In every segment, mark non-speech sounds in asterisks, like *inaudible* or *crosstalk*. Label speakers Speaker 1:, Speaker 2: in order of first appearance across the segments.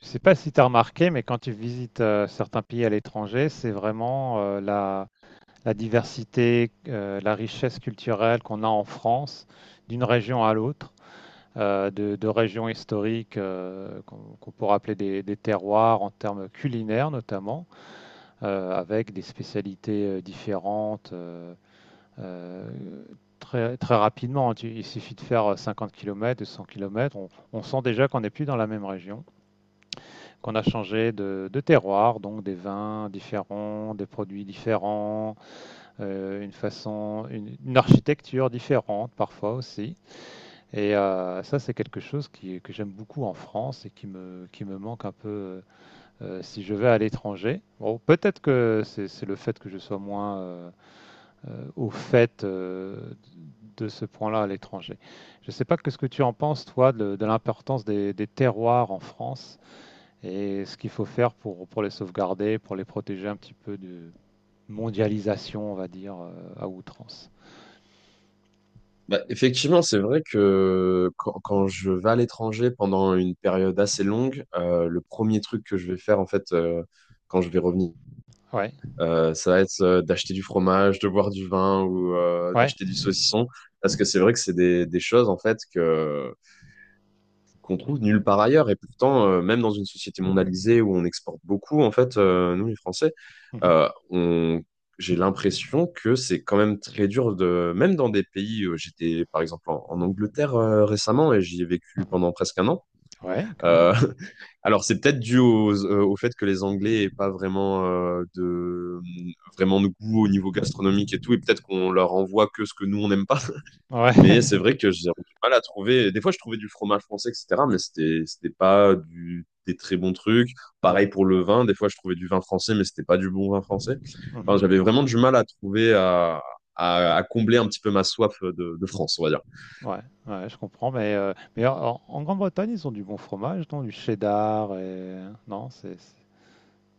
Speaker 1: Je sais pas si tu as remarqué, mais quand tu visites certains pays à l'étranger, c'est vraiment la diversité, la richesse culturelle qu'on a en France, d'une région à l'autre, de régions historiques qu'on pourrait appeler des terroirs en termes culinaires notamment, avec des spécialités différentes. Euh, Très, très rapidement, il suffit de faire 50 km, 100 km, on sent déjà qu'on n'est plus dans la même région, qu'on a changé de terroir, donc des vins différents, des produits différents, une architecture différente parfois aussi. Et ça, c'est quelque chose que j'aime beaucoup en France et qui me manque un peu si je vais à l'étranger. Bon, peut-être que c'est le fait que je sois moins au fait de ce point-là à l'étranger. Je ne sais pas qu'est-ce que tu en penses, toi, de l'importance des terroirs en France et ce qu'il faut faire pour les sauvegarder, pour les protéger un petit peu de mondialisation, on va dire, à outrance.
Speaker 2: Bah, effectivement, c'est vrai que quand je vais à l'étranger pendant une période assez longue, le premier truc que je vais faire en fait quand je vais revenir,
Speaker 1: Ouais,
Speaker 2: ça va être d'acheter du fromage, de boire du vin ou
Speaker 1: ouais.
Speaker 2: d'acheter du saucisson, parce
Speaker 1: Mhm.
Speaker 2: que c'est vrai que c'est des choses en fait que qu'on trouve nulle part ailleurs. Et pourtant, même dans une société mondialisée où on exporte beaucoup, en fait, nous, les Français,
Speaker 1: Mhm.
Speaker 2: on... J'ai l'impression que c'est quand même très dur de, même dans des pays, j'étais par exemple en Angleterre récemment et j'y ai vécu pendant presque un an.
Speaker 1: Ouais, quand même.
Speaker 2: Euh, *laughs* alors c'est peut-être dû au fait que les Anglais aient pas vraiment de vraiment de goût au niveau gastronomique et tout, et peut-être qu'on leur envoie que ce que nous on n'aime pas.
Speaker 1: Ouais,
Speaker 2: Mais c'est vrai
Speaker 1: *laughs*
Speaker 2: que j'ai du mal à trouver. Des fois, je trouvais du fromage français, etc. Mais c'était pas du, des très bons trucs.
Speaker 1: ouais.
Speaker 2: Pareil pour le vin. Des fois, je trouvais du vin français, mais c'était pas du bon vin français. Enfin,
Speaker 1: Mhm.
Speaker 2: j'avais vraiment du mal à trouver, à, à combler un petit peu ma soif de France, on va dire.
Speaker 1: Ouais, ouais, je comprends, mais en Grande-Bretagne, ils ont du bon fromage, non? Du cheddar et... Non, c'est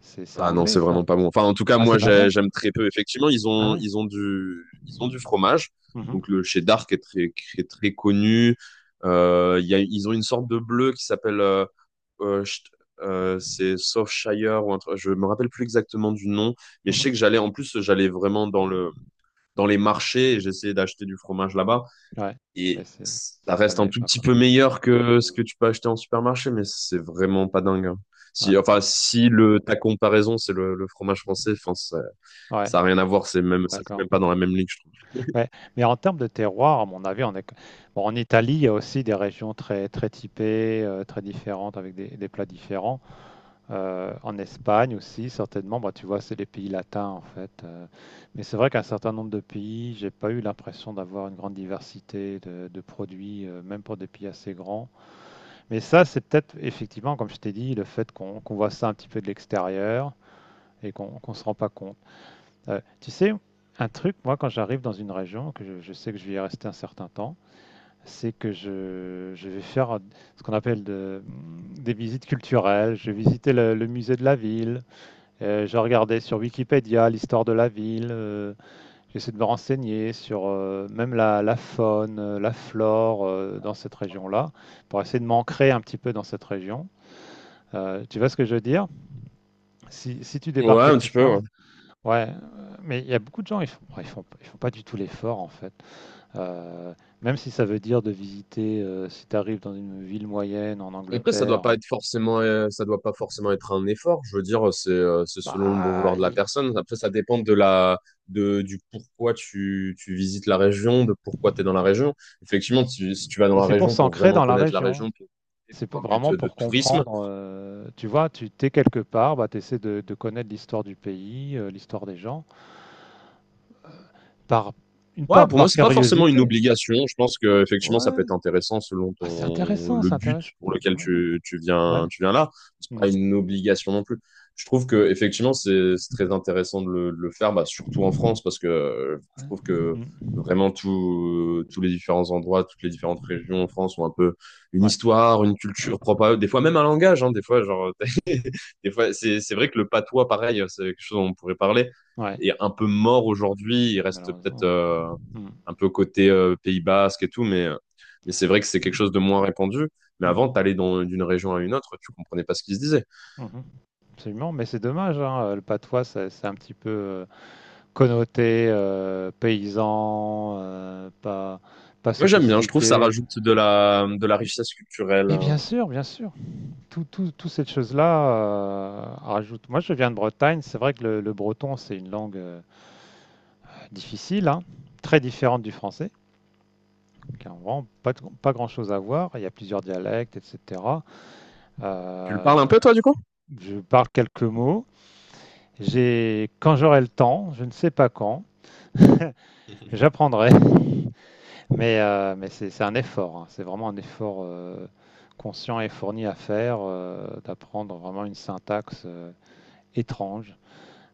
Speaker 1: c'est- c'est
Speaker 2: Ah non,
Speaker 1: anglais,
Speaker 2: c'est vraiment
Speaker 1: ça.
Speaker 2: pas bon. Enfin, en tout cas,
Speaker 1: Ah, c'est
Speaker 2: moi,
Speaker 1: pas bon?
Speaker 2: j'aime très peu. Effectivement,
Speaker 1: Ah ouais.
Speaker 2: ils ont du fromage.
Speaker 1: Mhm.
Speaker 2: Donc, le cheddar qui est très connu. Il y a, ils ont une sorte de bleu qui s'appelle, Sh- c'est Shire ou un truc. Je me rappelle plus exactement du nom, mais je
Speaker 1: Mhm.
Speaker 2: sais que j'allais, en plus, j'allais vraiment dans le, dans les marchés et j'essayais d'acheter du fromage là-bas.
Speaker 1: Ouais, mais
Speaker 2: Et
Speaker 1: c'est
Speaker 2: ça
Speaker 1: ça
Speaker 2: reste un
Speaker 1: n'allait
Speaker 2: tout
Speaker 1: pas,
Speaker 2: petit
Speaker 1: quoi.
Speaker 2: peu meilleur que ce que tu peux acheter en supermarché, mais c'est vraiment pas dingue, hein.
Speaker 1: Ah,
Speaker 2: Si, enfin,
Speaker 1: d'accord.
Speaker 2: si le, ta comparaison, c'est le fromage français, enfin, ça,
Speaker 1: Ouais,
Speaker 2: ça a rien à voir, c'est même, ça fait
Speaker 1: d'accord.
Speaker 2: même pas dans la même ligue, je trouve.
Speaker 1: Ouais, mais en termes de terroir, à mon avis, on est... Bon, en Italie, il y a aussi des régions très, très typées, très différentes, avec des plats différents. En Espagne aussi, certainement, bah, tu vois, c'est les pays latins, en fait. Mais c'est vrai qu'un certain nombre de pays, j'ai pas eu l'impression d'avoir une grande diversité de produits, même pour des pays assez grands. Mais ça, c'est peut-être, effectivement, comme je t'ai dit, le fait qu'on voit ça un petit peu de l'extérieur et qu'on se rend pas compte. Tu sais, un truc, moi, quand j'arrive dans une région, je sais que je vais y rester un certain temps, c'est que je vais faire ce qu'on appelle de- des visites culturelles. Je vais visiter le musée de la ville, je regardais sur Wikipédia l'histoire de la ville, j'essaie de me renseigner sur même la faune, la flore dans cette région-là, pour essayer de m'ancrer un petit peu dans cette région. Tu vois ce que je veux dire? Si, si tu débarques
Speaker 2: Ouais, un
Speaker 1: quelque
Speaker 2: petit peu, ouais.
Speaker 1: part, ouais, mais il y a beaucoup de gens, ils font pas du tout l'effort en fait. Heu, même si ça veut dire de visiter, si tu arrives dans une ville moyenne en
Speaker 2: Après, ça doit
Speaker 1: Angleterre,
Speaker 2: pas être forcément, ça doit pas forcément être un effort. Je veux dire, c'est selon le bon
Speaker 1: bah,
Speaker 2: vouloir de la
Speaker 1: i
Speaker 2: personne. Après, ça dépend de la, de, du pourquoi tu visites la région, de pourquoi tu es dans la région. Effectivement, si tu vas dans
Speaker 1: bah,
Speaker 2: la
Speaker 1: c'est pour
Speaker 2: région pour
Speaker 1: s'ancrer
Speaker 2: vraiment
Speaker 1: dans la
Speaker 2: connaître la
Speaker 1: région.
Speaker 2: région,
Speaker 1: C'est p
Speaker 2: pour un but
Speaker 1: vraiment
Speaker 2: de
Speaker 1: pour
Speaker 2: tourisme.
Speaker 1: comprendre, tu vois? Tu t'es quelque part, bah, tu essaies de connaître l'histoire du pays, l'histoire des gens, par une
Speaker 2: Ouais,
Speaker 1: part
Speaker 2: pour moi,
Speaker 1: par
Speaker 2: c'est pas forcément une
Speaker 1: curiosité.
Speaker 2: obligation. Je pense que effectivement, ça
Speaker 1: Ouais,
Speaker 2: peut être intéressant selon
Speaker 1: ah, c'est
Speaker 2: ton
Speaker 1: intéressant,
Speaker 2: le
Speaker 1: c'est
Speaker 2: but
Speaker 1: intéressant.
Speaker 2: pour lequel
Speaker 1: Ouais,
Speaker 2: tu,
Speaker 1: ouais.
Speaker 2: tu viens là. C'est
Speaker 1: Mmh.
Speaker 2: pas une obligation non plus. Je trouve que effectivement, c'est très intéressant de le faire, bah, surtout en France, parce que je
Speaker 1: Ouais.
Speaker 2: trouve que
Speaker 1: Mmh.
Speaker 2: vraiment tout, tous les différents endroits, toutes les différentes régions en France ont un peu une
Speaker 1: Ouais,
Speaker 2: histoire, une culture propre à eux. Des fois même un langage, hein. Des fois, genre des fois, c'est vrai que le patois, pareil, c'est quelque chose dont on pourrait parler,
Speaker 1: ouais,
Speaker 2: est un peu mort aujourd'hui. Il reste
Speaker 1: malheureusement,
Speaker 2: peut-être
Speaker 1: ouais. Mmh.
Speaker 2: un peu côté Pays Basque et tout, mais c'est vrai que c'est quelque chose de moins répandu. Mais
Speaker 1: Mmh
Speaker 2: avant,
Speaker 1: mh.
Speaker 2: d'une région à une autre, tu comprenais pas ce qui se disait.
Speaker 1: Mmh. Absolument, mais c'est dommage, hein, le patois, c'est un petit peu, connoté, paysan, pas
Speaker 2: Moi, j'aime bien. Je trouve que ça
Speaker 1: sophistiqué.
Speaker 2: rajoute de la richesse culturelle.
Speaker 1: Mais bien sûr, tout toutes ces choses là rajoute, moi je viens de Bretagne, c'est vrai que le breton, c'est une langue, difficile, hein, très différente du français, qui a vraiment pas de pas grand-chose à voir. Il y a plusieurs dialectes et cetera.
Speaker 2: Tu le parles
Speaker 1: Heu,
Speaker 2: un peu, toi, du coup?
Speaker 1: je parle quelques mots. J'ai quand j'aurai le temps, je ne sais pas quand,
Speaker 2: *laughs*
Speaker 1: j'apprendrai, *laughs* mais c'est un effort, hein. C'est vraiment un effort conscient et fourni à faire, d'apprendre vraiment une syntaxe étrange,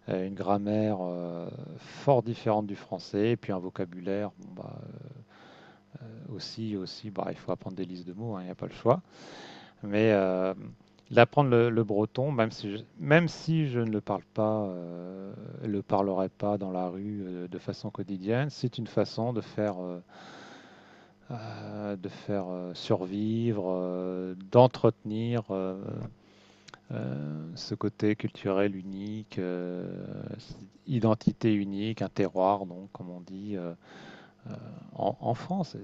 Speaker 1: une grammaire fort différente du français, et puis un vocabulaire. Bon, bah, aussi, bah, il faut apprendre des listes de mots, hein, il n'y a pas le choix. Mais d'apprendre le breton, même si je ne le parle pas, le parlerai pas dans la rue de façon quotidienne, c'est une façon de faire survivre, d'entretenir ce côté culturel unique, cette identité unique, un terroir, donc, comme on dit euh, en France.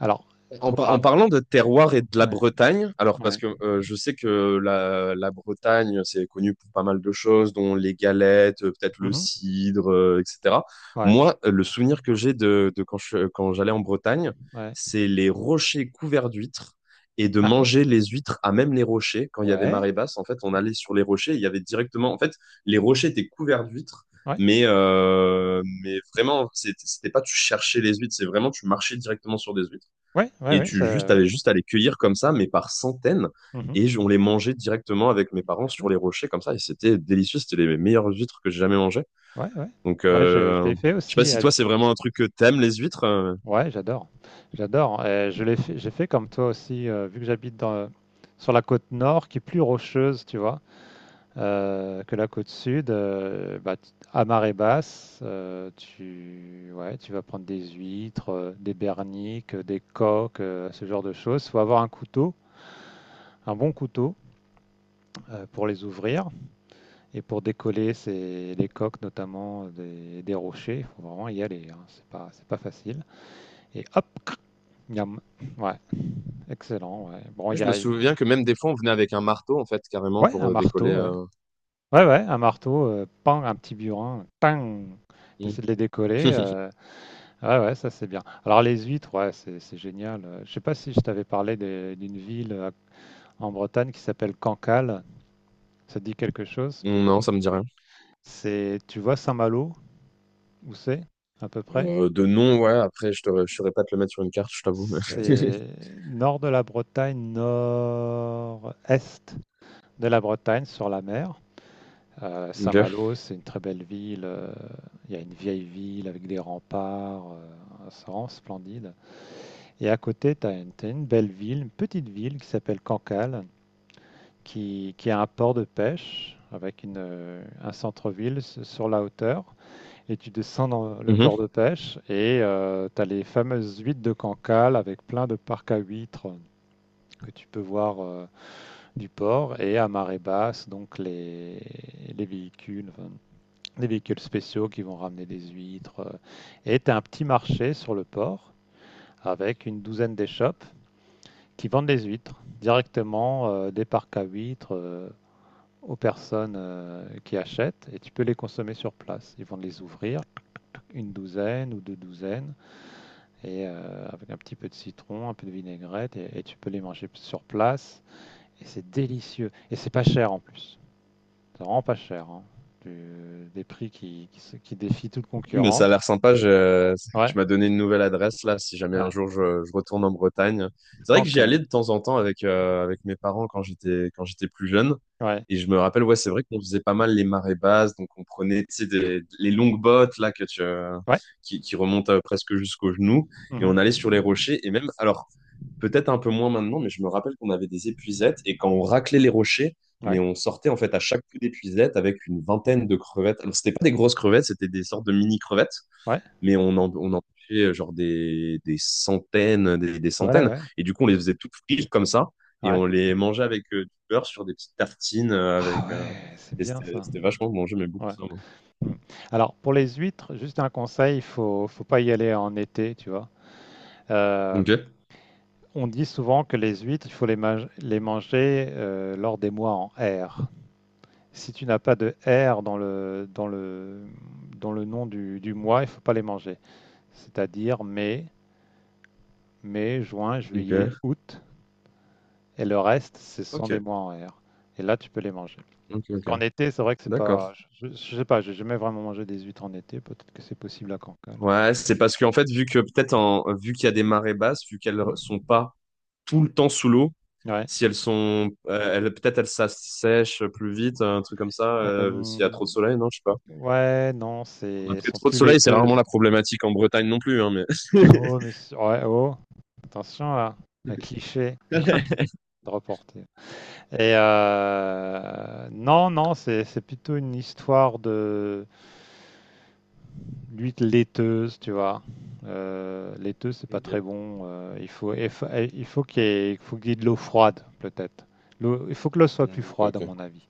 Speaker 1: Alors,
Speaker 2: En,
Speaker 1: toi,
Speaker 2: en parlant de terroir et de la
Speaker 1: ouais,
Speaker 2: Bretagne, alors parce
Speaker 1: ouais,
Speaker 2: que je sais que la, la Bretagne, c'est connu pour pas mal de choses, dont les galettes, peut-être le
Speaker 1: mhm,
Speaker 2: cidre, etc.
Speaker 1: ouais,
Speaker 2: Moi, le souvenir que j'ai de quand quand j'allais en Bretagne,
Speaker 1: ouais,
Speaker 2: c'est les rochers couverts d'huîtres et de
Speaker 1: ah, ah,
Speaker 2: manger les huîtres à même les rochers. Quand il y avait
Speaker 1: ouais,
Speaker 2: marée basse, en fait, on allait sur les rochers, il y avait directement, en fait, les rochers étaient couverts d'huîtres.
Speaker 1: ouais,
Speaker 2: Mais vraiment, c'était pas tu cherchais les huîtres, c'est vraiment tu marchais directement sur des huîtres.
Speaker 1: ouais, ouais,
Speaker 2: Et
Speaker 1: ouais, ça, ouais,
Speaker 2: avais juste à les cueillir comme ça, mais par centaines.
Speaker 1: mhm,
Speaker 2: Et on les mangeait directement avec mes parents
Speaker 1: bien sûr,
Speaker 2: sur les rochers comme ça. Et c'était délicieux. C'était les meilleures huîtres que j'ai jamais mangées.
Speaker 1: ouais, ouais.
Speaker 2: Donc,
Speaker 1: Ouais, je l'ai fait
Speaker 2: je sais pas
Speaker 1: aussi
Speaker 2: si
Speaker 1: à.
Speaker 2: toi, c'est vraiment un truc que t'aimes, les huîtres, euh.
Speaker 1: Ouais, j'adore. J'adore. Je l'ai fait, j'ai fait comme toi aussi, vu que j'habite dans, sur la côte nord, qui est plus rocheuse, tu vois, que la côte sud. Bah, à marée basse, tu, ouais, tu vas prendre des huîtres, des berniques, des coques, ce genre de choses. Faut avoir un couteau, un bon couteau, pour les ouvrir et pour décoller ces, les coques, notamment des rochers. Il faut vraiment y aller, hein. C'est pas facile. Et hop, cric, miam. Ouais. Excellent, ouais. Bon,
Speaker 2: Moi,
Speaker 1: il y
Speaker 2: je me
Speaker 1: a
Speaker 2: souviens que même des fois, on venait avec un marteau, en fait, carrément,
Speaker 1: ouais,
Speaker 2: pour
Speaker 1: un
Speaker 2: décoller,
Speaker 1: marteau, ouais.
Speaker 2: euh.
Speaker 1: Ouais, ouais, un marteau, pan, un petit burin, tang.
Speaker 2: Mm.
Speaker 1: T'essaies de les décoller.
Speaker 2: *laughs*
Speaker 1: Ouais, ouais, ça c'est bien. Alors les huîtres, ouais, c'est génial. Je sais pas si je t'avais parlé d'une ville en Bretagne qui s'appelle Cancale. Ça te dit quelque chose?
Speaker 2: Non, ça me dit rien.
Speaker 1: C'est, tu vois Saint-Malo, où c'est, à peu près?
Speaker 2: De nom, ouais. Après, je ne saurais pas te le mettre sur une carte, je t'avoue, *laughs*
Speaker 1: C'est nord de la Bretagne, nord-est de la Bretagne, sur la mer.
Speaker 2: Ok.
Speaker 1: Saint-Malo, c'est une très belle ville. Il y a une vieille ville avec des remparts. C'est vraiment splendide. Et à côté, tu as une belle ville, une petite ville qui s'appelle Cancale, qui a un port de pêche avec une, un centre-ville sur la hauteur. Et tu descends dans le port
Speaker 2: Mhm.
Speaker 1: de pêche et tu as les fameuses huîtres de Cancale avec plein de parcs à huîtres que tu peux voir du port, et à marée basse, donc les véhicules, enfin, des véhicules spéciaux qui vont ramener des huîtres. Et tu as un petit marché sur le port avec une douzaine d'échoppes qui vendent des huîtres directement des parcs à huîtres aux personnes qui achètent, et tu peux les consommer sur place. Ils vont les ouvrir une douzaine ou deux douzaines et avec un petit peu de citron, un peu de vinaigrette, et tu peux les manger sur place, et c'est délicieux, et c'est pas cher en plus. C'est vraiment pas cher, hein. Des prix qui, qui défient toute
Speaker 2: Mais ça a l'air
Speaker 1: concurrence.
Speaker 2: sympa. Je...
Speaker 1: Ouais.
Speaker 2: Tu m'as donné une nouvelle adresse là, si jamais un
Speaker 1: Ouais.
Speaker 2: jour je retourne en Bretagne. C'est vrai que j'y allais de
Speaker 1: Cancale.
Speaker 2: temps en temps avec, avec mes parents quand j'étais plus jeune.
Speaker 1: Ouais.
Speaker 2: Et je me rappelle, ouais, c'est vrai qu'on faisait pas mal les marées basses, donc on prenait, tu sais, les longues bottes là que tu,
Speaker 1: Ouais.
Speaker 2: qui remontent presque jusqu'aux genoux, et on allait
Speaker 1: Mhm.
Speaker 2: sur les rochers. Et même, alors peut-être un peu moins maintenant, mais je me rappelle qu'on avait des épuisettes et quand on raclait les rochers mais
Speaker 1: Ouais.
Speaker 2: on sortait en fait à chaque coup d'épuisette avec une vingtaine de crevettes. Alors, c'était pas des grosses crevettes, c'était des sortes de mini crevettes,
Speaker 1: Ouais.
Speaker 2: mais on en pêchait genre des centaines, des
Speaker 1: Ouais,
Speaker 2: centaines.
Speaker 1: ouais.
Speaker 2: Et du coup, on les faisait toutes frites comme ça et
Speaker 1: Ouais.
Speaker 2: on les mangeait avec du beurre sur des petites tartines
Speaker 1: Ah
Speaker 2: avec,
Speaker 1: ouais, c'est
Speaker 2: et
Speaker 1: bien
Speaker 2: c'était
Speaker 1: ça.
Speaker 2: c'était vachement bon, j'aimais beaucoup
Speaker 1: Ouais.
Speaker 2: ça, moi.
Speaker 1: Mm. Alors, pour les huîtres, juste un conseil, faut pas y aller en été, tu vois. Euh,
Speaker 2: Ok,
Speaker 1: on dit souvent que les huîtres, il faut les, ma- les manger lors des mois en R. Si tu n'as pas de R dans le, dans le nom du mois, il faut pas les manger. C'est-à-dire mai, juin,
Speaker 2: ok,
Speaker 1: juillet, août, et le reste, ce sont
Speaker 2: ok,
Speaker 1: des mois en R. Et là, tu peux les manger.
Speaker 2: ok, ok.
Speaker 1: Qu'en été, c'est vrai que c'est
Speaker 2: D'accord.
Speaker 1: pas. Je sais pas, j'ai jamais vraiment mangé des huîtres en été. Peut-être que c'est possible à Cancale.
Speaker 2: Ouais, c'est parce qu'en fait, vu que peut-être en, vu qu'il y a des marées basses, vu qu'elles
Speaker 1: Mm.
Speaker 2: sont pas tout le temps sous l'eau,
Speaker 1: Ouais.
Speaker 2: si elles sont, elles, peut-être elles s'assèchent plus vite, un truc comme ça,
Speaker 1: Euh,
Speaker 2: s'il y a trop de soleil, non, je sais pas.
Speaker 1: ouais, non, c'est elles
Speaker 2: Après,
Speaker 1: sont
Speaker 2: trop de
Speaker 1: plus
Speaker 2: soleil, c'est rarement
Speaker 1: laiteuses.
Speaker 2: la problématique en Bretagne non plus, hein, mais.
Speaker 1: *laughs* Oh, mais c'est- ouais, oh. Attention là, un cliché
Speaker 2: *laughs*
Speaker 1: de reporter. Et non, non, c'est plutôt une histoire de l'huile laiteuse, tu vois. Laiteuse, c'est pas très bon. Il faut qu'il y ait, il faut qu'il y ait de l'eau froide, peut-être. Il faut que l'eau soit plus
Speaker 2: Mm. Ok,
Speaker 1: froide, à
Speaker 2: ok,
Speaker 1: mon avis,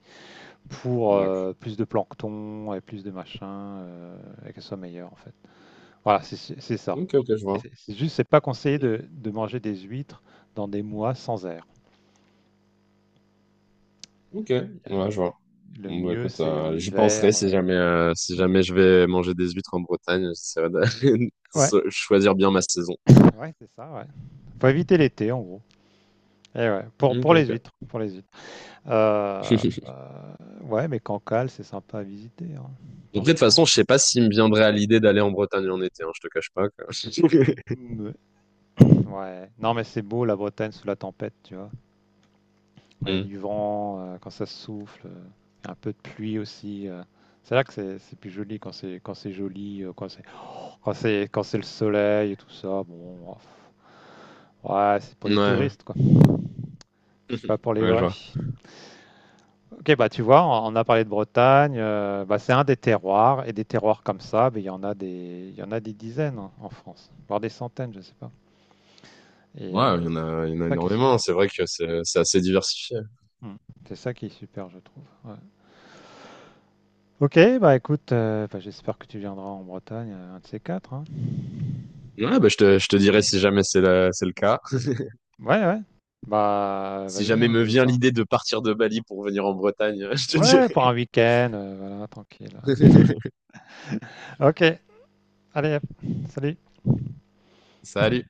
Speaker 1: pour
Speaker 2: d'accord.
Speaker 1: plus de plancton et plus de machin, euh, et qu'elle soit meilleure, en fait. Voilà, c'est ça.
Speaker 2: Ok, ok, je
Speaker 1: Et
Speaker 2: vois.
Speaker 1: C'est juste, c'est pas conseillé de manger des huîtres dans des mois sans air.
Speaker 2: Ok,
Speaker 1: Euh,
Speaker 2: ouais, je vois.
Speaker 1: le
Speaker 2: Bon, bah,
Speaker 1: mieux,
Speaker 2: écoute,
Speaker 1: c'est en
Speaker 2: j'y penserai
Speaker 1: hiver.
Speaker 2: si jamais, si
Speaker 1: Mm.
Speaker 2: jamais je vais manger des huîtres en Bretagne, j'essaierai de, *laughs* de
Speaker 1: Ouais,
Speaker 2: choisir bien ma saison.
Speaker 1: ouais, c'est ça, ouais. Faut éviter l'été, en gros. Et ouais,
Speaker 2: Ok,
Speaker 1: pour les
Speaker 2: ok.
Speaker 1: huîtres, pour les huîtres.
Speaker 2: *laughs*
Speaker 1: Ouais, mais Cancale, c'est sympa à visiter, hein,
Speaker 2: Après, de toute
Speaker 1: franchement.
Speaker 2: façon, je sais pas s'il me viendrait à l'idée d'aller en Bretagne en été, hein, je te cache pas, quoi. *laughs*
Speaker 1: Ouais. Ouais. Non, mais c'est beau la Bretagne sous la tempête, tu vois. Ouais, il y a
Speaker 2: Hmm.
Speaker 1: du vent quand ça souffle, il y a un peu de pluie aussi. C'est là que c'est plus joli, quand c'est joli, quand c'est le soleil et tout ça. Bon, ouais, c'est pour les
Speaker 2: Ouais,
Speaker 1: touristes quoi. C'est pas pour
Speaker 2: *laughs*
Speaker 1: les
Speaker 2: ouais, je
Speaker 1: vrais.
Speaker 2: vois.
Speaker 1: Ok, bah tu vois, on a parlé de Bretagne, bah, c'est un des terroirs, et des terroirs comme ça, mais il y en a des dizaines, hein, en France, voire des centaines, je sais pas. Et
Speaker 2: Ouais, il y en a, il y en
Speaker 1: c'est
Speaker 2: a
Speaker 1: ça qui est
Speaker 2: énormément.
Speaker 1: super.
Speaker 2: C'est vrai que c'est assez diversifié.
Speaker 1: Mm. C'est ça qui est super, je trouve. Ouais. Ok, bah écoute, bah, j'espère que tu viendras en Bretagne, un de ces quatre, hein.
Speaker 2: Ouais, bah, je te dirai si jamais c'est le cas.
Speaker 1: Ouais, ouais. Bah
Speaker 2: Si
Speaker 1: vas-y,
Speaker 2: jamais
Speaker 1: hein,
Speaker 2: me
Speaker 1: n'hésite
Speaker 2: vient
Speaker 1: pas.
Speaker 2: l'idée de partir de Bali pour venir en Bretagne, *laughs* je te
Speaker 1: Ouais, pour
Speaker 2: dirai.
Speaker 1: un week-end, voilà, tranquille, hein.
Speaker 2: *laughs*
Speaker 1: Ok, allez, hop, salut.
Speaker 2: Salut.